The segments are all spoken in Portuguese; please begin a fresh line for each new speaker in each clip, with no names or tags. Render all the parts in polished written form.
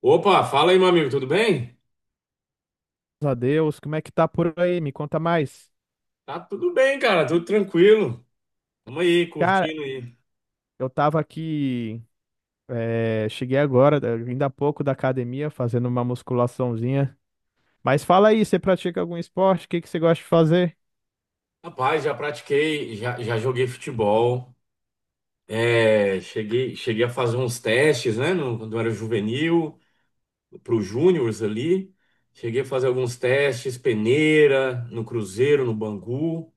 Opa, fala aí, meu amigo, tudo bem?
Graças a Deus. Como é que tá por aí? Me conta mais.
Tá tudo bem, cara, tudo tranquilo. Vamos aí,
Cara,
curtindo aí.
eu tava aqui, cheguei agora, ainda há pouco da academia, fazendo uma musculaçãozinha. Mas fala aí, você pratica algum esporte? O que que você gosta de fazer?
Rapaz, já pratiquei, já joguei futebol. É, cheguei a fazer uns testes, né? Quando eu era juvenil, pro júniors ali. Cheguei a fazer alguns testes, peneira, no Cruzeiro, no Bangu.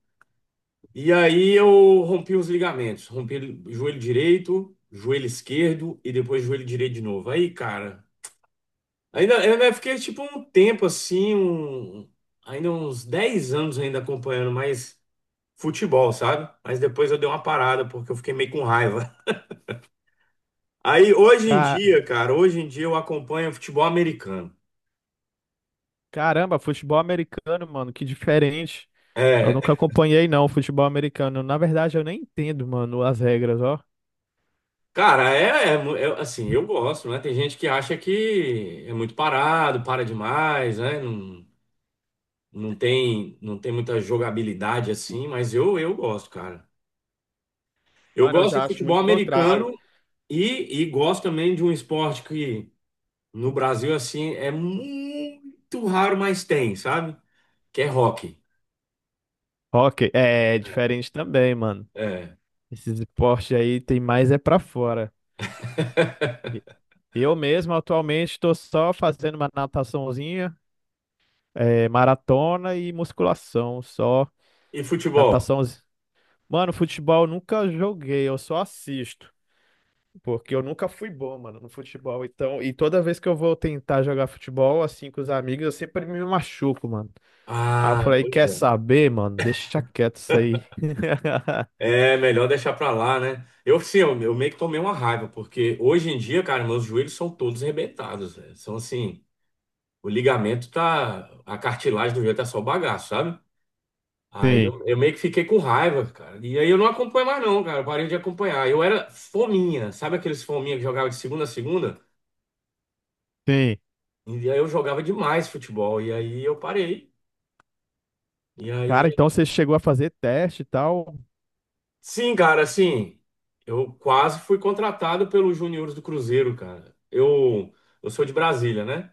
E aí eu rompi os ligamentos. Rompi o joelho direito, joelho esquerdo e depois joelho direito de novo. Aí, cara. Eu ainda fiquei tipo um tempo assim, ainda uns 10 anos ainda acompanhando mais futebol, sabe? Mas depois eu dei uma parada porque eu fiquei meio com raiva. Aí hoje em
Ca-
dia, cara, hoje em dia eu acompanho futebol americano.
Caramba, futebol americano, mano, que diferente. Eu nunca
É,
acompanhei, não, futebol americano. Na verdade, eu nem entendo, mano, as regras, ó.
cara, assim, eu gosto, né? Tem gente que acha que é muito parado, para demais, né? Não, não tem muita jogabilidade assim, mas eu gosto, cara. Eu
Mano, eu
gosto
já
de
acho
futebol
muito
americano.
contrário.
E gosto também de um esporte que no Brasil, assim, é muito raro, mas tem, sabe? Que é rock.
Ok, é diferente também, mano.
É.
Esses esportes aí tem mais é pra fora. Eu mesmo atualmente estou só fazendo uma nataçãozinha, maratona e musculação, só
E futebol?
natação. Mano, futebol eu nunca joguei, eu só assisto, porque eu nunca fui bom, mano, no futebol. Então, e toda vez que eu vou tentar jogar futebol assim com os amigos, eu sempre me machuco, mano. Aí eu
Ah,
falei,
pois
quer
é.
saber, mano? Deixa quieto isso aí.
É melhor deixar pra lá, né? Eu, sim, eu meio que tomei uma raiva, porque hoje em dia, cara, meus joelhos são todos arrebentados. Velho. São assim, o ligamento tá. A cartilagem do joelho tá só o bagaço, sabe?
Sim,
Eu meio que fiquei com raiva, cara. E aí eu não acompanho mais, não, cara. Eu parei de acompanhar. Eu era fominha, sabe aqueles fominha que jogava de segunda a segunda?
sim.
E aí eu jogava demais futebol. E aí eu parei. E
Cara,
aí.
então você chegou a fazer teste e tal?
Sim, cara, assim. Eu quase fui contratado pelos juniores do Cruzeiro, cara. Eu sou de Brasília, né?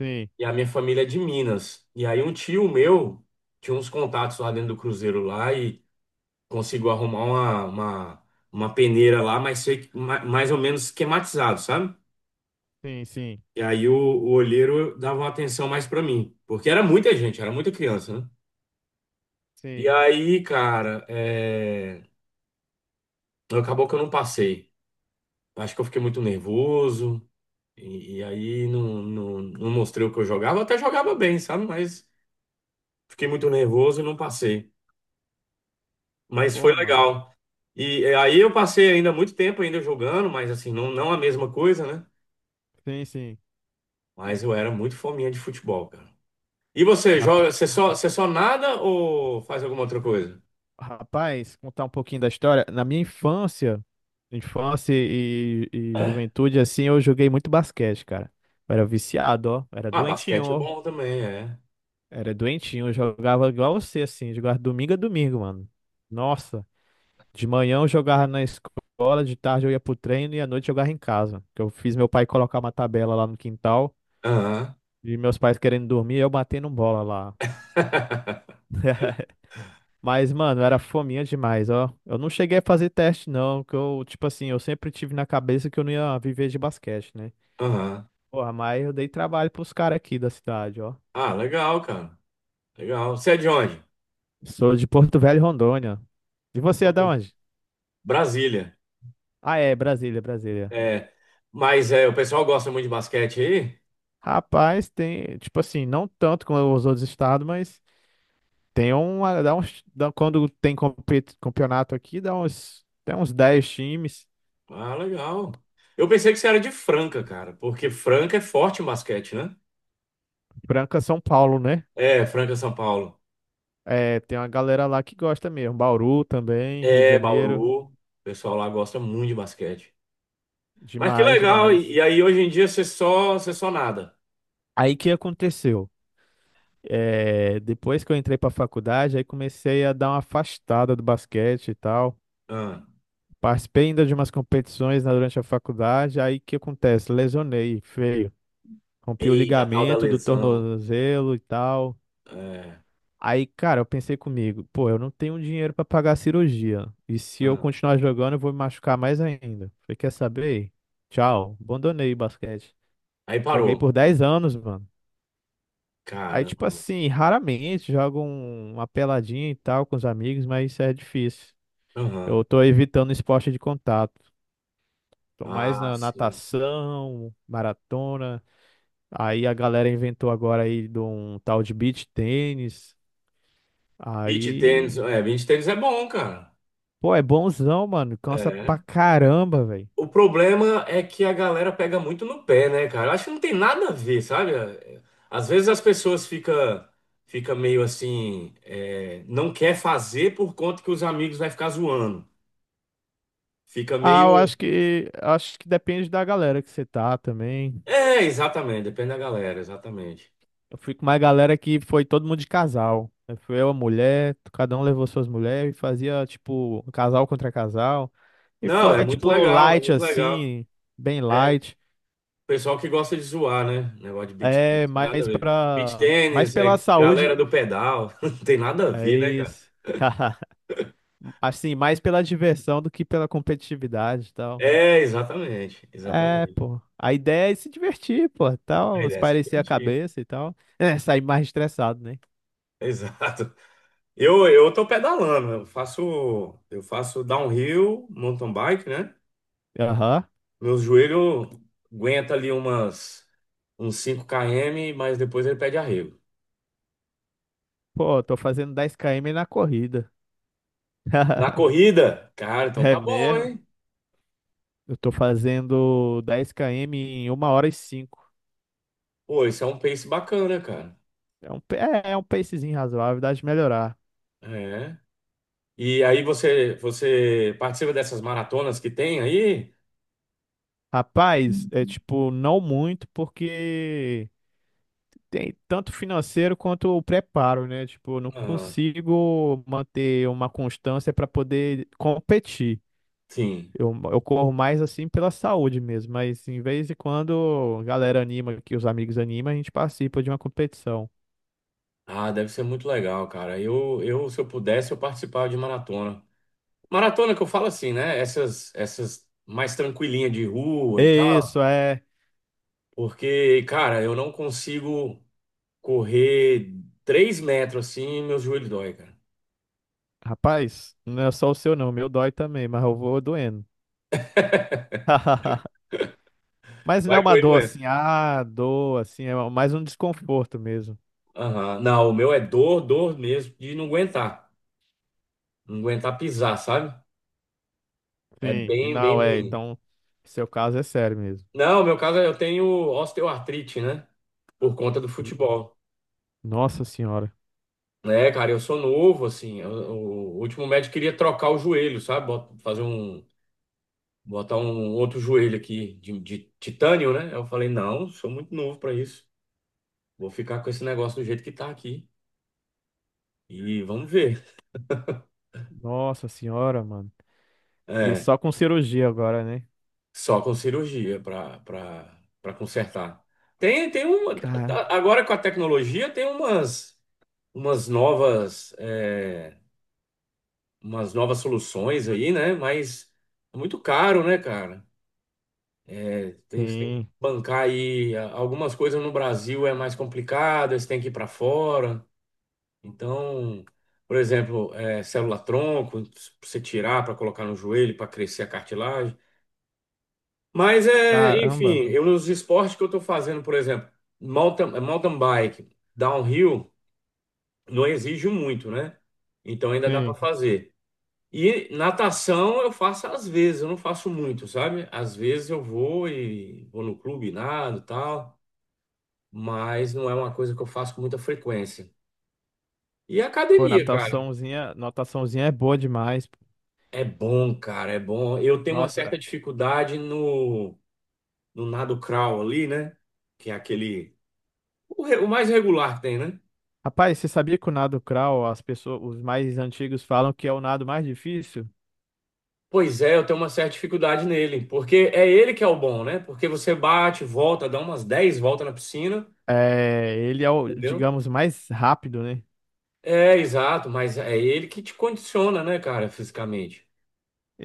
Sim,
E a minha família é de Minas. E aí um tio meu tinha uns contatos lá dentro do Cruzeiro lá e consigo arrumar uma peneira lá, mas sei, que mais ou menos esquematizado, sabe?
sim, sim,
E aí o olheiro dava uma atenção mais pra mim, porque era muita gente, era muita criança, né? E
sim.
aí, cara, acabou que eu não passei. Acho que eu fiquei muito nervoso, e aí não mostrei o que eu jogava. Eu até jogava bem, sabe? Mas fiquei muito nervoso e não passei. Mas foi
Pô, mano.
legal. E aí eu passei ainda muito tempo ainda jogando, mas assim, não a mesma coisa, né?
Sim, sim.
Mas eu era muito fominha de futebol, cara. E você
Rap-
joga,
ra-
você só nada ou faz alguma outra coisa?
Rapaz, contar um pouquinho da história. Na minha infância, infância e
É.
juventude, assim, eu joguei muito basquete, cara. Eu era viciado, ó. Eu Era
Ah,
doentinho,
basquete é
ó.
bom também, é.
Era doentinho. Eu jogava igual você, assim. Jogava domingo a domingo, mano. Nossa. De manhã eu jogava na escola, de tarde eu ia pro treino e à noite eu jogava em casa. Que eu fiz meu pai colocar uma tabela lá no quintal
Aham.
e meus pais querendo dormir, eu batendo bola lá. Mas, mano, era fominha demais, ó. Eu não cheguei a fazer teste, não, que eu, tipo assim, eu sempre tive na cabeça que eu não ia viver de basquete, né?
Aham.
Porra, mas eu dei trabalho pros caras aqui da cidade, ó.
Ah, legal, cara. Legal. Você é de onde?
Sou de Porto Velho, Rondônia. E você é da
Outro.
onde?
Brasília.
Ah, é, Brasília, Brasília.
É. Mas é, o pessoal gosta muito de basquete aí?
Rapaz, tem, tipo assim, não tanto como os outros estados, mas tem uma, dá uns, quando tem campeonato aqui, dá uns, tem uns 10 times.
Ah, legal. Eu pensei que você era de Franca, cara, porque Franca é forte em basquete, né?
Franca, São Paulo, né?
É, Franca, São Paulo.
É, tem uma galera lá que gosta mesmo. Bauru também, Rio de
É,
Janeiro.
Bauru. O pessoal lá gosta muito de basquete. Mas que
Demais,
legal. E,
demais.
e aí hoje em dia você só nada.
Aí que aconteceu? É, depois que eu entrei para a faculdade, aí comecei a dar uma afastada do basquete e tal.
Ah,
Participei ainda de umas competições durante a faculdade. Aí que acontece? Lesionei, feio. Rompi o
eita, tal da
ligamento do
lesão.
tornozelo e tal.
É,
Aí, cara, eu pensei comigo, pô, eu não tenho dinheiro para pagar a cirurgia. E se eu
ah.
continuar jogando, eu vou me machucar mais ainda. Falei, quer saber? Tchau. Abandonei o basquete.
Aí parou.
Joguei por 10 anos, mano. Aí,
Caramba.
tipo assim, raramente jogo uma peladinha e tal com os amigos, mas isso é difícil.
Aham.
Eu tô evitando esporte de contato. Tô mais
Ah,
na
sim.
natação, maratona. Aí a galera inventou agora aí de um tal de beach tênis.
Beach tênis.
Aí,
É, beach tênis é bom, cara.
pô, é bonzão, mano. Cansa pra
É.
caramba, velho.
O problema é que a galera pega muito no pé, né, cara? Eu acho que não tem nada a ver, sabe? Às vezes as pessoas fica meio assim, é, não quer fazer por conta que os amigos vai ficar zoando. Fica
Ah, eu
meio.
acho que depende da galera que você tá também.
É, exatamente, depende da galera, exatamente.
Eu fui com uma galera que foi todo mundo de casal. Aí fui eu, a mulher, cada um levou suas mulheres e fazia, tipo, um casal contra casal. E
Não, é
foi,
muito
tipo,
legal, é
light
muito legal.
assim, bem
É,
light.
pessoal que gosta de zoar, né? Negócio de beach
É,
tennis, tem nada a
mais
ver. Beach
pra. Mais
tennis,
pela
é
saúde.
galera do pedal, não tem nada a
É
ver, né, cara?
isso. Assim, mais pela diversão do que pela competitividade e tal.
É, exatamente,
É,
exatamente.
pô. A ideia é se divertir, pô,
A
tal,
ideia é se
espairecer a
divertir.
cabeça e tal. É, sair mais estressado, né?
Exato. Eu tô pedalando, eu faço downhill, mountain bike, né?
Aham.
Meu joelho aguenta ali umas, uns 5 km, mas depois ele pede arrego.
Pô, tô fazendo 10 km na corrida.
Na corrida? Cara, então
É
tá bom,
mesmo?
hein?
Eu tô fazendo 10 km em uma hora e 5.
Pô, isso é um pace bacana, cara.
É um pacezinho razoável, dá de melhorar.
É. Você participa dessas maratonas que tem aí?
Rapaz, é tipo, não muito, porque tem tanto financeiro quanto o preparo, né? Tipo, eu não
Ah,
consigo manter uma constância para poder competir.
sim.
Eu, corro mais assim pela saúde mesmo, mas em vez de quando a galera anima, que os amigos animam, a gente participa de uma competição.
Ah, deve ser muito legal, cara. Se eu pudesse, eu participava de maratona. Maratona que eu falo assim, né? Essas mais tranquilinha de rua e
É
tal.
isso, é.
Porque, cara, eu não consigo correr 3 metros assim, meus joelhos dói, cara.
Rapaz, não é só o seu não, o meu dói também, mas eu vou doendo. Mas não é
Vai
uma dor
correr,
assim, ah, dor, assim, é mais um desconforto mesmo.
aham. Não, o meu é dor, dor mesmo, de não aguentar. Não aguentar pisar, sabe? É
Sim, e
bem,
não
bem
é,
ruim.
então, seu caso é sério mesmo.
Não, no meu caso eu tenho osteoartrite, né? Por conta do
N-
futebol.
Nossa senhora,
É, cara, eu sou novo, assim. O último médico queria trocar o joelho, sabe? Fazer um. Botar um outro joelho aqui de titânio, né? Eu falei, não, sou muito novo pra isso. Vou ficar com esse negócio do jeito que tá aqui. E vamos ver.
nossa senhora, mano. E
É.
só com cirurgia agora, né?
Só com cirurgia para consertar. Tem
Cara,
agora com a tecnologia tem umas novas é, umas novas soluções aí, né? Mas é muito caro, né, cara? É, tem, você tem que
sim,
bancar aí algumas coisas no Brasil é mais complicado, você tem que ir para fora. Então, por exemplo, célula tronco, pra você tirar para colocar no joelho para crescer a cartilagem. Mas é,
caramba,
enfim, eu nos esportes que eu estou fazendo, por exemplo, mountain bike, downhill, não exige muito, né? Então ainda dá para
sim.
fazer. E natação eu faço às vezes, eu não faço muito, sabe? Às vezes eu vou e vou no clube, nado, e tal, mas não é uma coisa que eu faço com muita frequência. E
Pô,
academia, cara,
nataçãozinha, nataçãozinha é boa demais. Pô.
é bom, cara, é bom. Eu tenho uma
Nossa.
certa dificuldade no nado crawl ali, né? Que é aquele, o mais regular que tem, né?
Rapaz, você sabia que o nado crawl, as pessoas, os mais antigos falam que é o nado mais difícil?
Pois é, eu tenho uma certa dificuldade nele, porque é ele que é o bom, né? Porque você bate, volta, dá umas 10 voltas na piscina,
É, ele é o,
entendeu?
digamos, mais rápido, né?
É, exato, mas é ele que te condiciona, né, cara, fisicamente.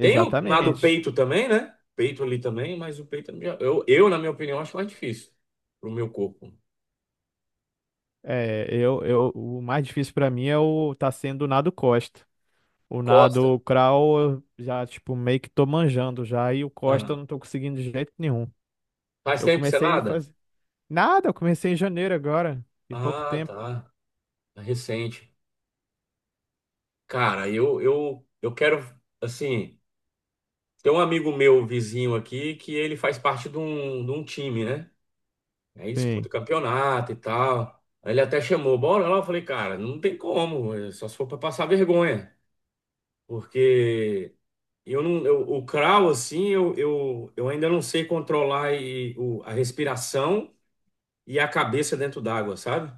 Tem o nado peito também, né? Peito ali também, mas o peito, na minha opinião, acho mais difícil pro meu corpo.
É, o mais difícil pra mim é o tá sendo o nado Costa. O
Costa.
nado crawl eu já tipo meio que tô manjando já e o Costa
Aham.
eu não tô conseguindo de jeito nenhum.
Faz
Eu
tempo que você
comecei a
nada?
fazer nada, eu comecei em janeiro agora, em pouco
Ah,
tempo.
tá. É recente. Cara, eu quero, assim. Tem um amigo meu, um vizinho aqui, que ele faz parte de um time, né? Aí disputa
Sim,
campeonato e tal. Aí ele até chamou, bora lá. Eu falei, cara, não tem como, é só se for pra passar vergonha. Porque eu não, o crawl, assim, eu ainda não sei controlar a respiração e a cabeça dentro d'água, sabe?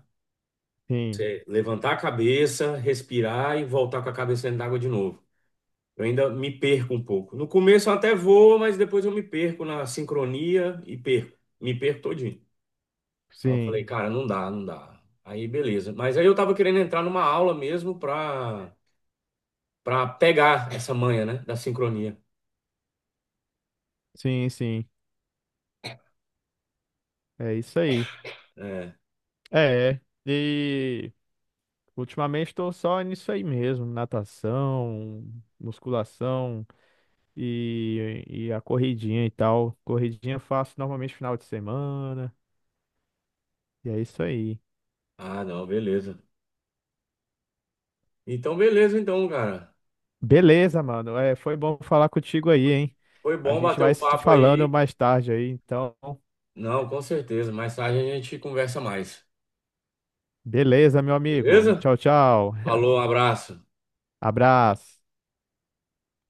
sim,
Você levantar a cabeça, respirar e voltar com a cabeça dentro d'água de novo. Eu ainda me perco um pouco. No começo eu até vou, mas depois eu me perco na sincronia e perco. Me perco todinho. Aí eu
sim,
falei, cara, não dá, não dá. Aí beleza. Mas aí eu tava querendo entrar numa aula mesmo pra, pegar essa manha, né? Da sincronia.
sim, sim. É isso aí.
É.
É, e ultimamente estou só nisso aí mesmo, natação, musculação E, e a corridinha e tal. Corridinha eu faço normalmente final de semana. E é isso aí.
Ah, não, beleza. Então, beleza, então, cara.
Beleza, mano. É, foi bom falar contigo aí, hein?
Foi
A
bom
gente
bater
vai
o
se
papo
falando
aí.
mais tarde aí. Então,
Não, com certeza. Mais tarde a gente conversa mais.
beleza, meu amigo.
Beleza?
Tchau, tchau.
Falou, um abraço.
Abraço.